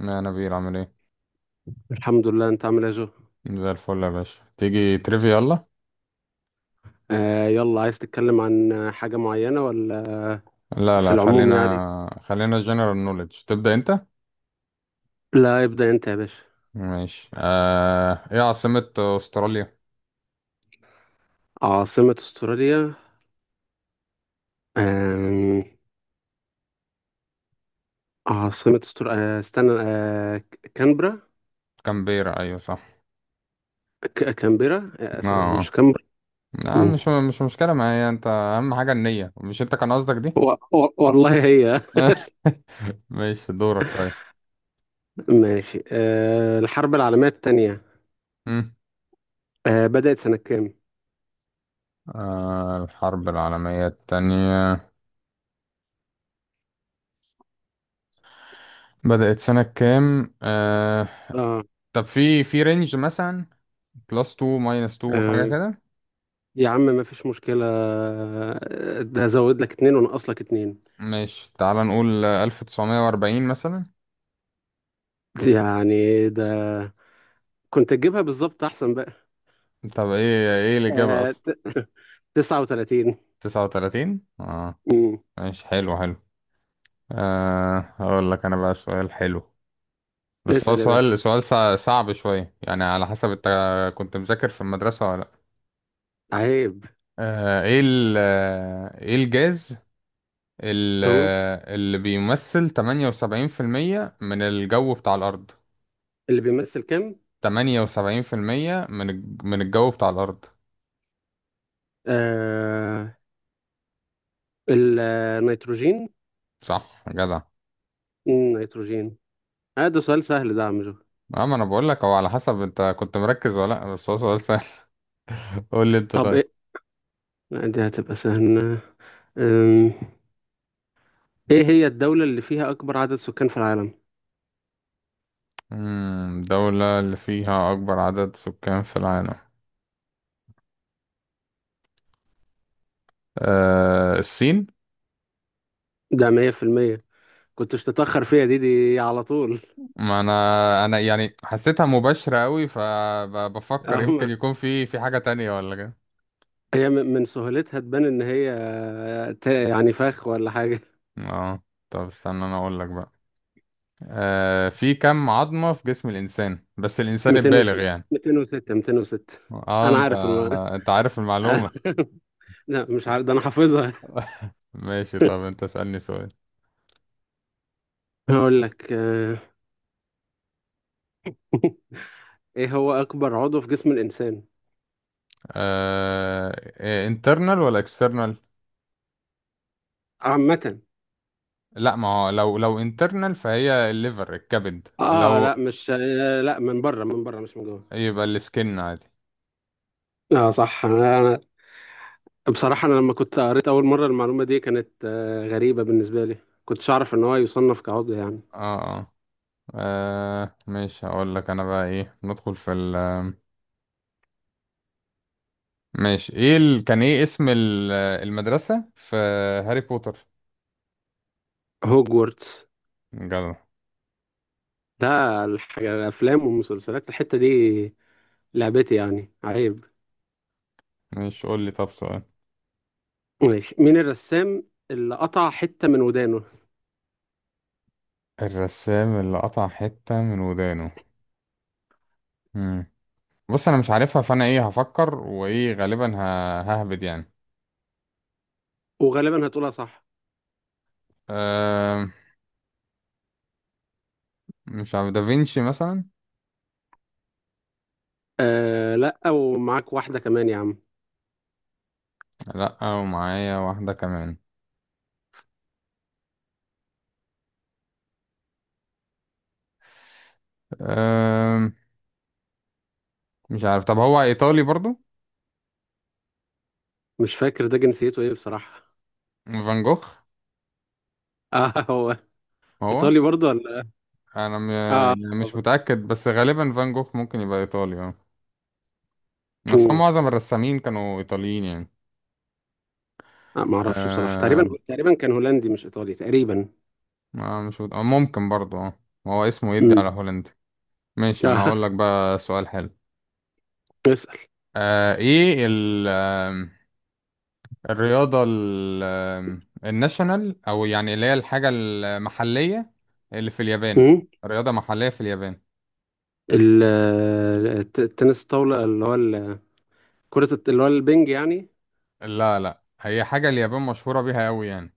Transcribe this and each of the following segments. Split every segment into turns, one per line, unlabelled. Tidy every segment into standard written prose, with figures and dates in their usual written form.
لا، نبيل عامل ايه؟
الحمد لله. انت عامل ايه يا جو؟
زي الفل يا باشا. تيجي تريفي؟ يلا.
آه، يلا. عايز تتكلم عن حاجة معينة ولا؟
لا
في
لا،
العموم يعني.
خلينا جنرال نوليدج. تبدأ انت.
لا، ابدأ انت يا باشا.
ماشي. ايه عاصمة استراليا؟
عاصمة استراليا. آم، عاصمة استراليا، استنى. كانبرا.
كامبيرا، ايوه صح.
كانبرا، مش
اه،
كانبرا.
لا
مم.
مش مشكلة معايا. انت اهم حاجة النية، مش انت كان قصدك دي.
و- والله هي.
ماشي دورك طيب
ماشي. الحرب العالمية التانية
مم.
بدأت سنة كام؟
الحرب العالمية التانية بدأت سنة كام؟
اه.
طب في رينج مثلا، بلس 2 ماينس 2، حاجة
آه،
كده.
يا عم، ما فيش مشكلة. ده زود لك اتنين ونقص لك اتنين.
ماشي، تعال نقول 1940 مثلا.
يعني ده، كنت تجيبها بالظبط احسن بقى.
طب ايه الإجابة
آه
أصلا؟
ت- 39.
39، اه.
امم
ماشي، حلو حلو. هقول لك أنا بقى سؤال حلو. بس هو
اسأل يا باشا.
سؤال صعب شوية، يعني على حسب أنت كنت مذاكر في المدرسة ولا لأ.
عيب.
ايه الجاز،
اهو.
اللي بيمثل 78% من الجو بتاع الأرض؟
اللي بيمثل كام؟
78% من من الجو بتاع الأرض.
آه النيتروجين.
صح، جدع.
نيتروجين. ده سؤال سهل ده يا عم جو.
اما انا بقول لك، هو على حسب انت كنت مركز ولا لا، بس هو سؤال سهل. قول لي انت
طب
طيب.
ايه؟ لا، دي هتبقى سهلة. أم، ايه هي الدولة اللي فيها اكبر عدد سكان في العالم؟
دولة اللي فيها اكبر عدد سكان في العالم؟ أه الصين.
ده 100%. كنتش تتأخر فيها دي على طول.
ما انا يعني حسيتها مباشرة قوي، فبفكر
أهو.
يمكن يكون في حاجة تانية ولا كده.
هي من سهولتها تبان ان هي يعني فخ ولا حاجة.
اه. طب استنى انا اقول لك بقى. أه في كم عظمة في جسم الانسان، بس الانسان البالغ
206.
يعني؟
206. 206.
اه
انا
انت
عارف الم...
انت عارف المعلومة.
لا، مش عارف، ده انا حافظها.
ماشي طب انت اسألني سؤال.
هقول لك. ايه هو اكبر عضو في جسم الانسان؟
آه... انترنال ولا اكسترنال؟
عامة.
لا، ما هو لو انترنال فهي الليفر، الكبد،
اه،
لو.
لا، مش لا، من بره، من بره، مش من جوه.
يبقى السكن عادي.
اه صح. بصراحة، انا لما كنت قريت اول مرة المعلومة دي كانت غريبة بالنسبة لي. كنتش اعرف ان هو يصنف كعضو يعني.
اه اه. ماشي هقول لك انا بقى. ايه ندخل في ال ماشي. ايه كان ايه اسم المدرسة في هاري بوتر؟
هوجورتس.
جدع.
ده الحاجة، الافلام والمسلسلات الحتة دي، لعبتي يعني، عيب.
ماشي قول لي طب سؤال.
ماشي. مين الرسام اللي قطع حتة من ودانه؟
الرسام اللي قطع حتة من ودانه؟ مم. بص، انا مش عارفها، فانا ايه هفكر، وايه غالبا ههبد يعني.
وغالبا هتقولها صح.
آه، مش عارف، دافينشي مثلا؟
لا، ومعاك واحدة كمان يا عم.
لا ومعايا واحدة كمان. أم... مش عارف. طب هو ايطالي برضو؟
مش فاكر ده جنسيته ايه بصراحة.
فان جوخ.
اه، هو.
هو.
ايطالي برضه ولا؟
انا م...
اه.
يعني مش متأكد، بس غالبا فان جوخ ممكن يبقى ايطالي، اه. بس هم
امم
معظم الرسامين كانوا ايطاليين يعني.
ما اعرفش بصراحة. تقريبا
أه...
تقريبا كان هولندي مش ايطالي تقريبا.
آه، مش مت... آه، ممكن برضو، اه. هو اسمه يدي على
امم
هولندي. ماشي، انا
اه.
هقول لك بقى سؤال حلو.
اسأل.
أه... ايه ال... الرياضة ال- آم، الناشونال، أو يعني اللي هي الحاجة المحلية اللي في اليابان.
امم
رياضة محلية في اليابان.
ال- التنس الطاولة اللي هو كرة اللي هو البنج يعني.
لا لا، هي حاجة اليابان مشهورة بيها أوي يعني.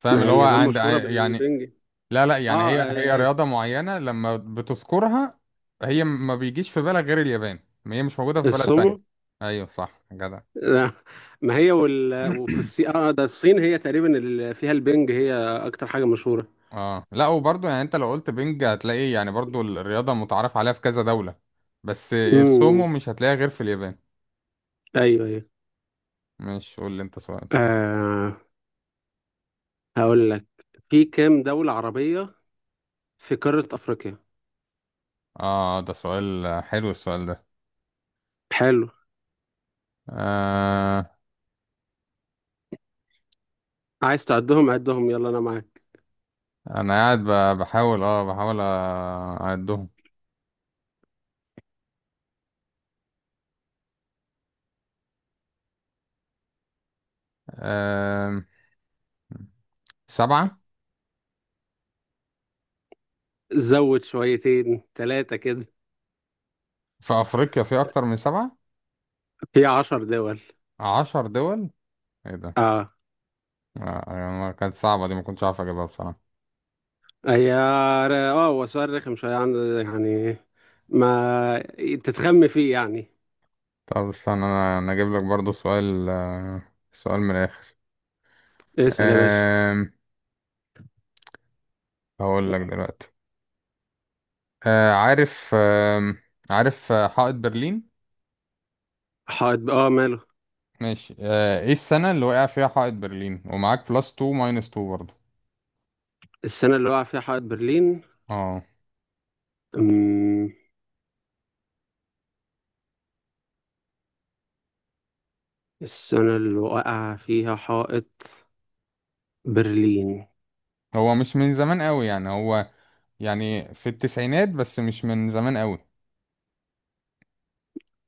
فاهم
ما هي
اللي هو
اليابان
عند
مشهورة
يعني.
بالبنج.
لا لا، يعني
اه،
هي رياضة معينة لما بتذكرها. هي ما بيجيش في بالك غير اليابان. هي مش موجودة في بلد
السومو.
تانية. أيوة صح، جدع.
لا، ما هي وفي الصين. اه، ده الصين هي تقريبا اللي فيها البنج. هي اكتر حاجه مشهوره.
اه لا، وبرضه يعني انت لو قلت بينج هتلاقي يعني برضه الرياضة متعارف عليها في كذا دولة. بس السومو
امم
مش هتلاقيها غير في اليابان.
ايوه، ايوه.
ماشي قول لي انت سؤال.
آه هقول لك. في كام دوله عربيه في قاره افريقيا؟
اه، ده سؤال، حلو السؤال ده.
حلو.
آه.
عايز تعدهم؟ عدهم، يلا انا معاك.
انا قاعد بحاول اعدهم. آه، سبعة.
زود شويتين ثلاثه كده.
في افريقيا في اكتر من سبعة.
في 10 دول.
10 دول؟ ايه ده!
اه.
آه، يعني كانت صعبة دي، ما كنتش عارف اجيبها بصراحة.
هي اه هو سؤال رخم شويه عن-، يعني ما تتخم فيه يعني.
طب استنى، انا اجيب لك برضو سؤال. سؤال من الاخر.
اسال يا باشا.
آه هقول لك دلوقتي. آه، عارف حائط برلين؟
حائط اه، ماله؟
ماشي. ايه السنة اللي وقع فيها حائط برلين؟ ومعاك بلس 2 ماينس 2 برضه.
السنه اللي وقع فيها حائط برلين.
اه،
أمم، السنة اللي وقع فيها حائط برلين.
هو مش من زمان قوي يعني، هو يعني في التسعينات، بس مش من زمان قوي.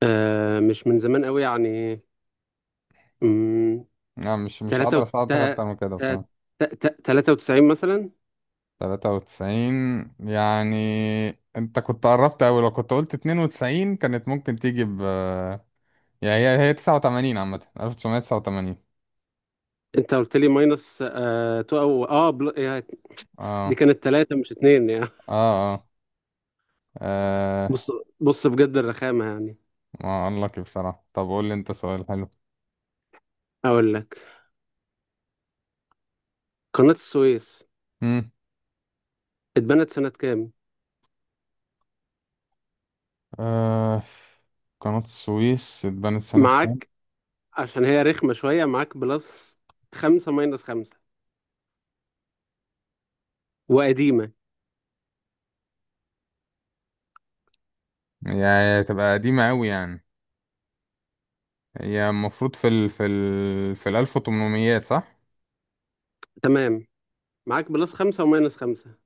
مش من زمان قوي يعني. أمم،
لا، مش
تلاتة
هقدر
وت...
اساعدك اكتر
تا-
من كده
تا-
بصراحة.
تا- تا- 93 مثلا.
93 يعني؟ انت كنت قربت قوي، لو كنت قلت 92 كانت ممكن تيجي ب. يعني هي 89 عامة، 1989.
انت قلت لي ماينس تو، او بل... يعني دي
اه،
كانت تلاتة مش اتنين يعني.
اه، اه، آه.
بص. بص بجد، الرخامة يعني.
ما اقول لك إيه بصراحة. طب قول لي انت سؤال.
اقول لك. قناة السويس
حلو.
اتبنت سنة كام؟
آه، قناة السويس اتبنت سنة كام؟
معاك، عشان هي رخمة شوية. معاك بلس خمسة ماينس خمسة. وقديمة.
يعني تبقى قديمة أوي يعني. هي المفروض في ال في ال في الألف وتمنميات، صح؟
تمام. معاك بلس خمسة وماينس خمسة.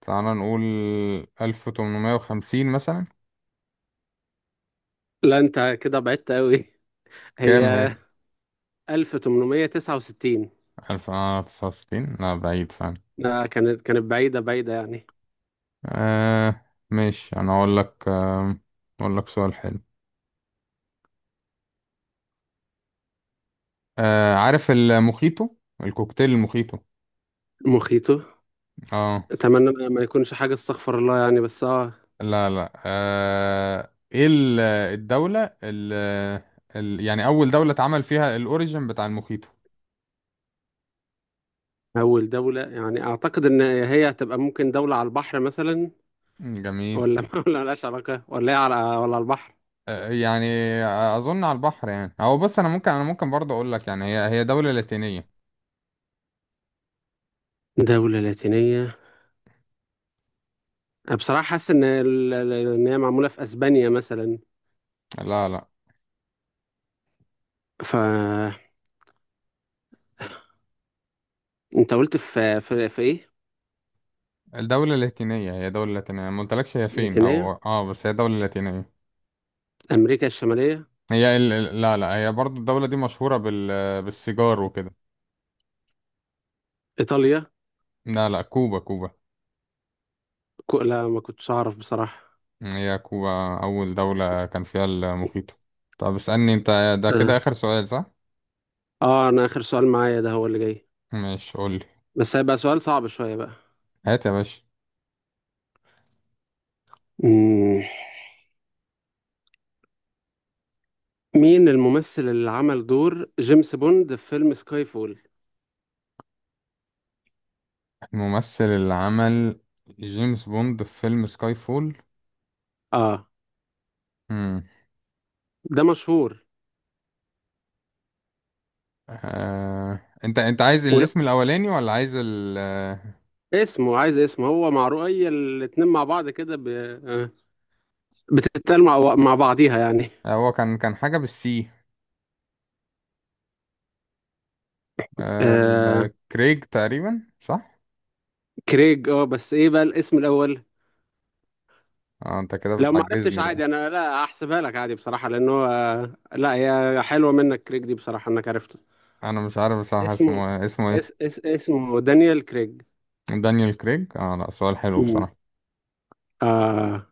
تعالى نقول 1850 مثلا.
لا، انت كده بعدت قوي.
كام
هي
هي؟
1869.
1869؟ لا بعيد فعلا.
لا، كانت بعيدة بعيدة يعني.
آه، ماشي. أنا أقول لك أقول لك سؤال حلو. آه، عارف المخيطو؟ الكوكتيل المخيطو.
مخيطه.
اه،
اتمنى ما يكونش حاجة، استغفر الله يعني، بس اه.
لا لا. ايه ال- الدولة ال ال يعني أول دولة اتعمل فيها الأوريجن بتاع الموخيتو؟
اول دولة يعني اعتقد ان هي هتبقى ممكن دولة على البحر مثلا.
مم، جميل.
ولا ولا ملهاش علاقة، ولا هي على، ولا على البحر.
يعني أظن على البحر يعني. هو، بص، أنا ممكن برضه أقول لك، يعني هي دولة لاتينية.
دولة لاتينية. أنا بصراحة حاسس ان ان هي معمولة في اسبانيا مثلا.
لا لا،
ف، انت قلت في ايه؟
الدولة اللاتينية هي دولة لاتينية، ما قلتلكش هي فين أو
لاتينية.
بس هي دولة لاتينية.
امريكا الشمالية.
هي لا لا، هي برضه الدولة دي مشهورة بالسيجار وكده.
ايطاليا.
لا لا، كوبا كوبا.
لا، ما كنتش اعرف بصراحة.
هي كوبا أول دولة كان فيها المخيط. طب اسألني أنت. ده كده
اه.
آخر سؤال صح؟
اه، انا اخر سؤال معايا ده هو اللي جاي.
ماشي، قولي.
بس هيبقى سؤال صعب شوية بقى.
هات يا باشا.
مم. مين الممثل اللي عمل دور جيمس بوند في فيلم سكاي فول؟
الممثل اللي عمل جيمس بوند في فيلم سكاي فول؟
اه.
مم.
ده مشهور.
أنت عايز
ولا،
الاسم الأولاني ولا عايز ال آه،
عايز اسمه، هو معروف. اي الاتنين مع بعض كده ب... بتتقال مع بعضيها يعني.
هو كان حاجة بالسي،
آه.
كريج تقريبا صح؟
كريج، اه، بس ايه بقى الاسم الاول؟
اه، أنت كده
لو ما عرفتش
بتعجزني بقى.
عادي، انا لا هحسبها لك عادي بصراحة، لانه لا، هي حلوة منك كريج دي بصراحة انك عرفت
أنا مش عارف بصراحة
اسمه.
اسمه إيه، اسمه إيه.
اس اس اسمه دانيال كريج.
دانيال كريج، اه. لا سؤال حلو
امم
بصراحة.
آه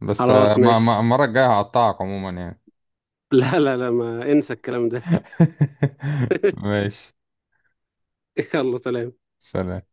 بس
خلاص
ما
ماشي.
المرة الجاية هقطعك عموما يعني.
لا، لا، لا، ما انسى الكلام ده.
ماشي.
يلا سلام.
سلام.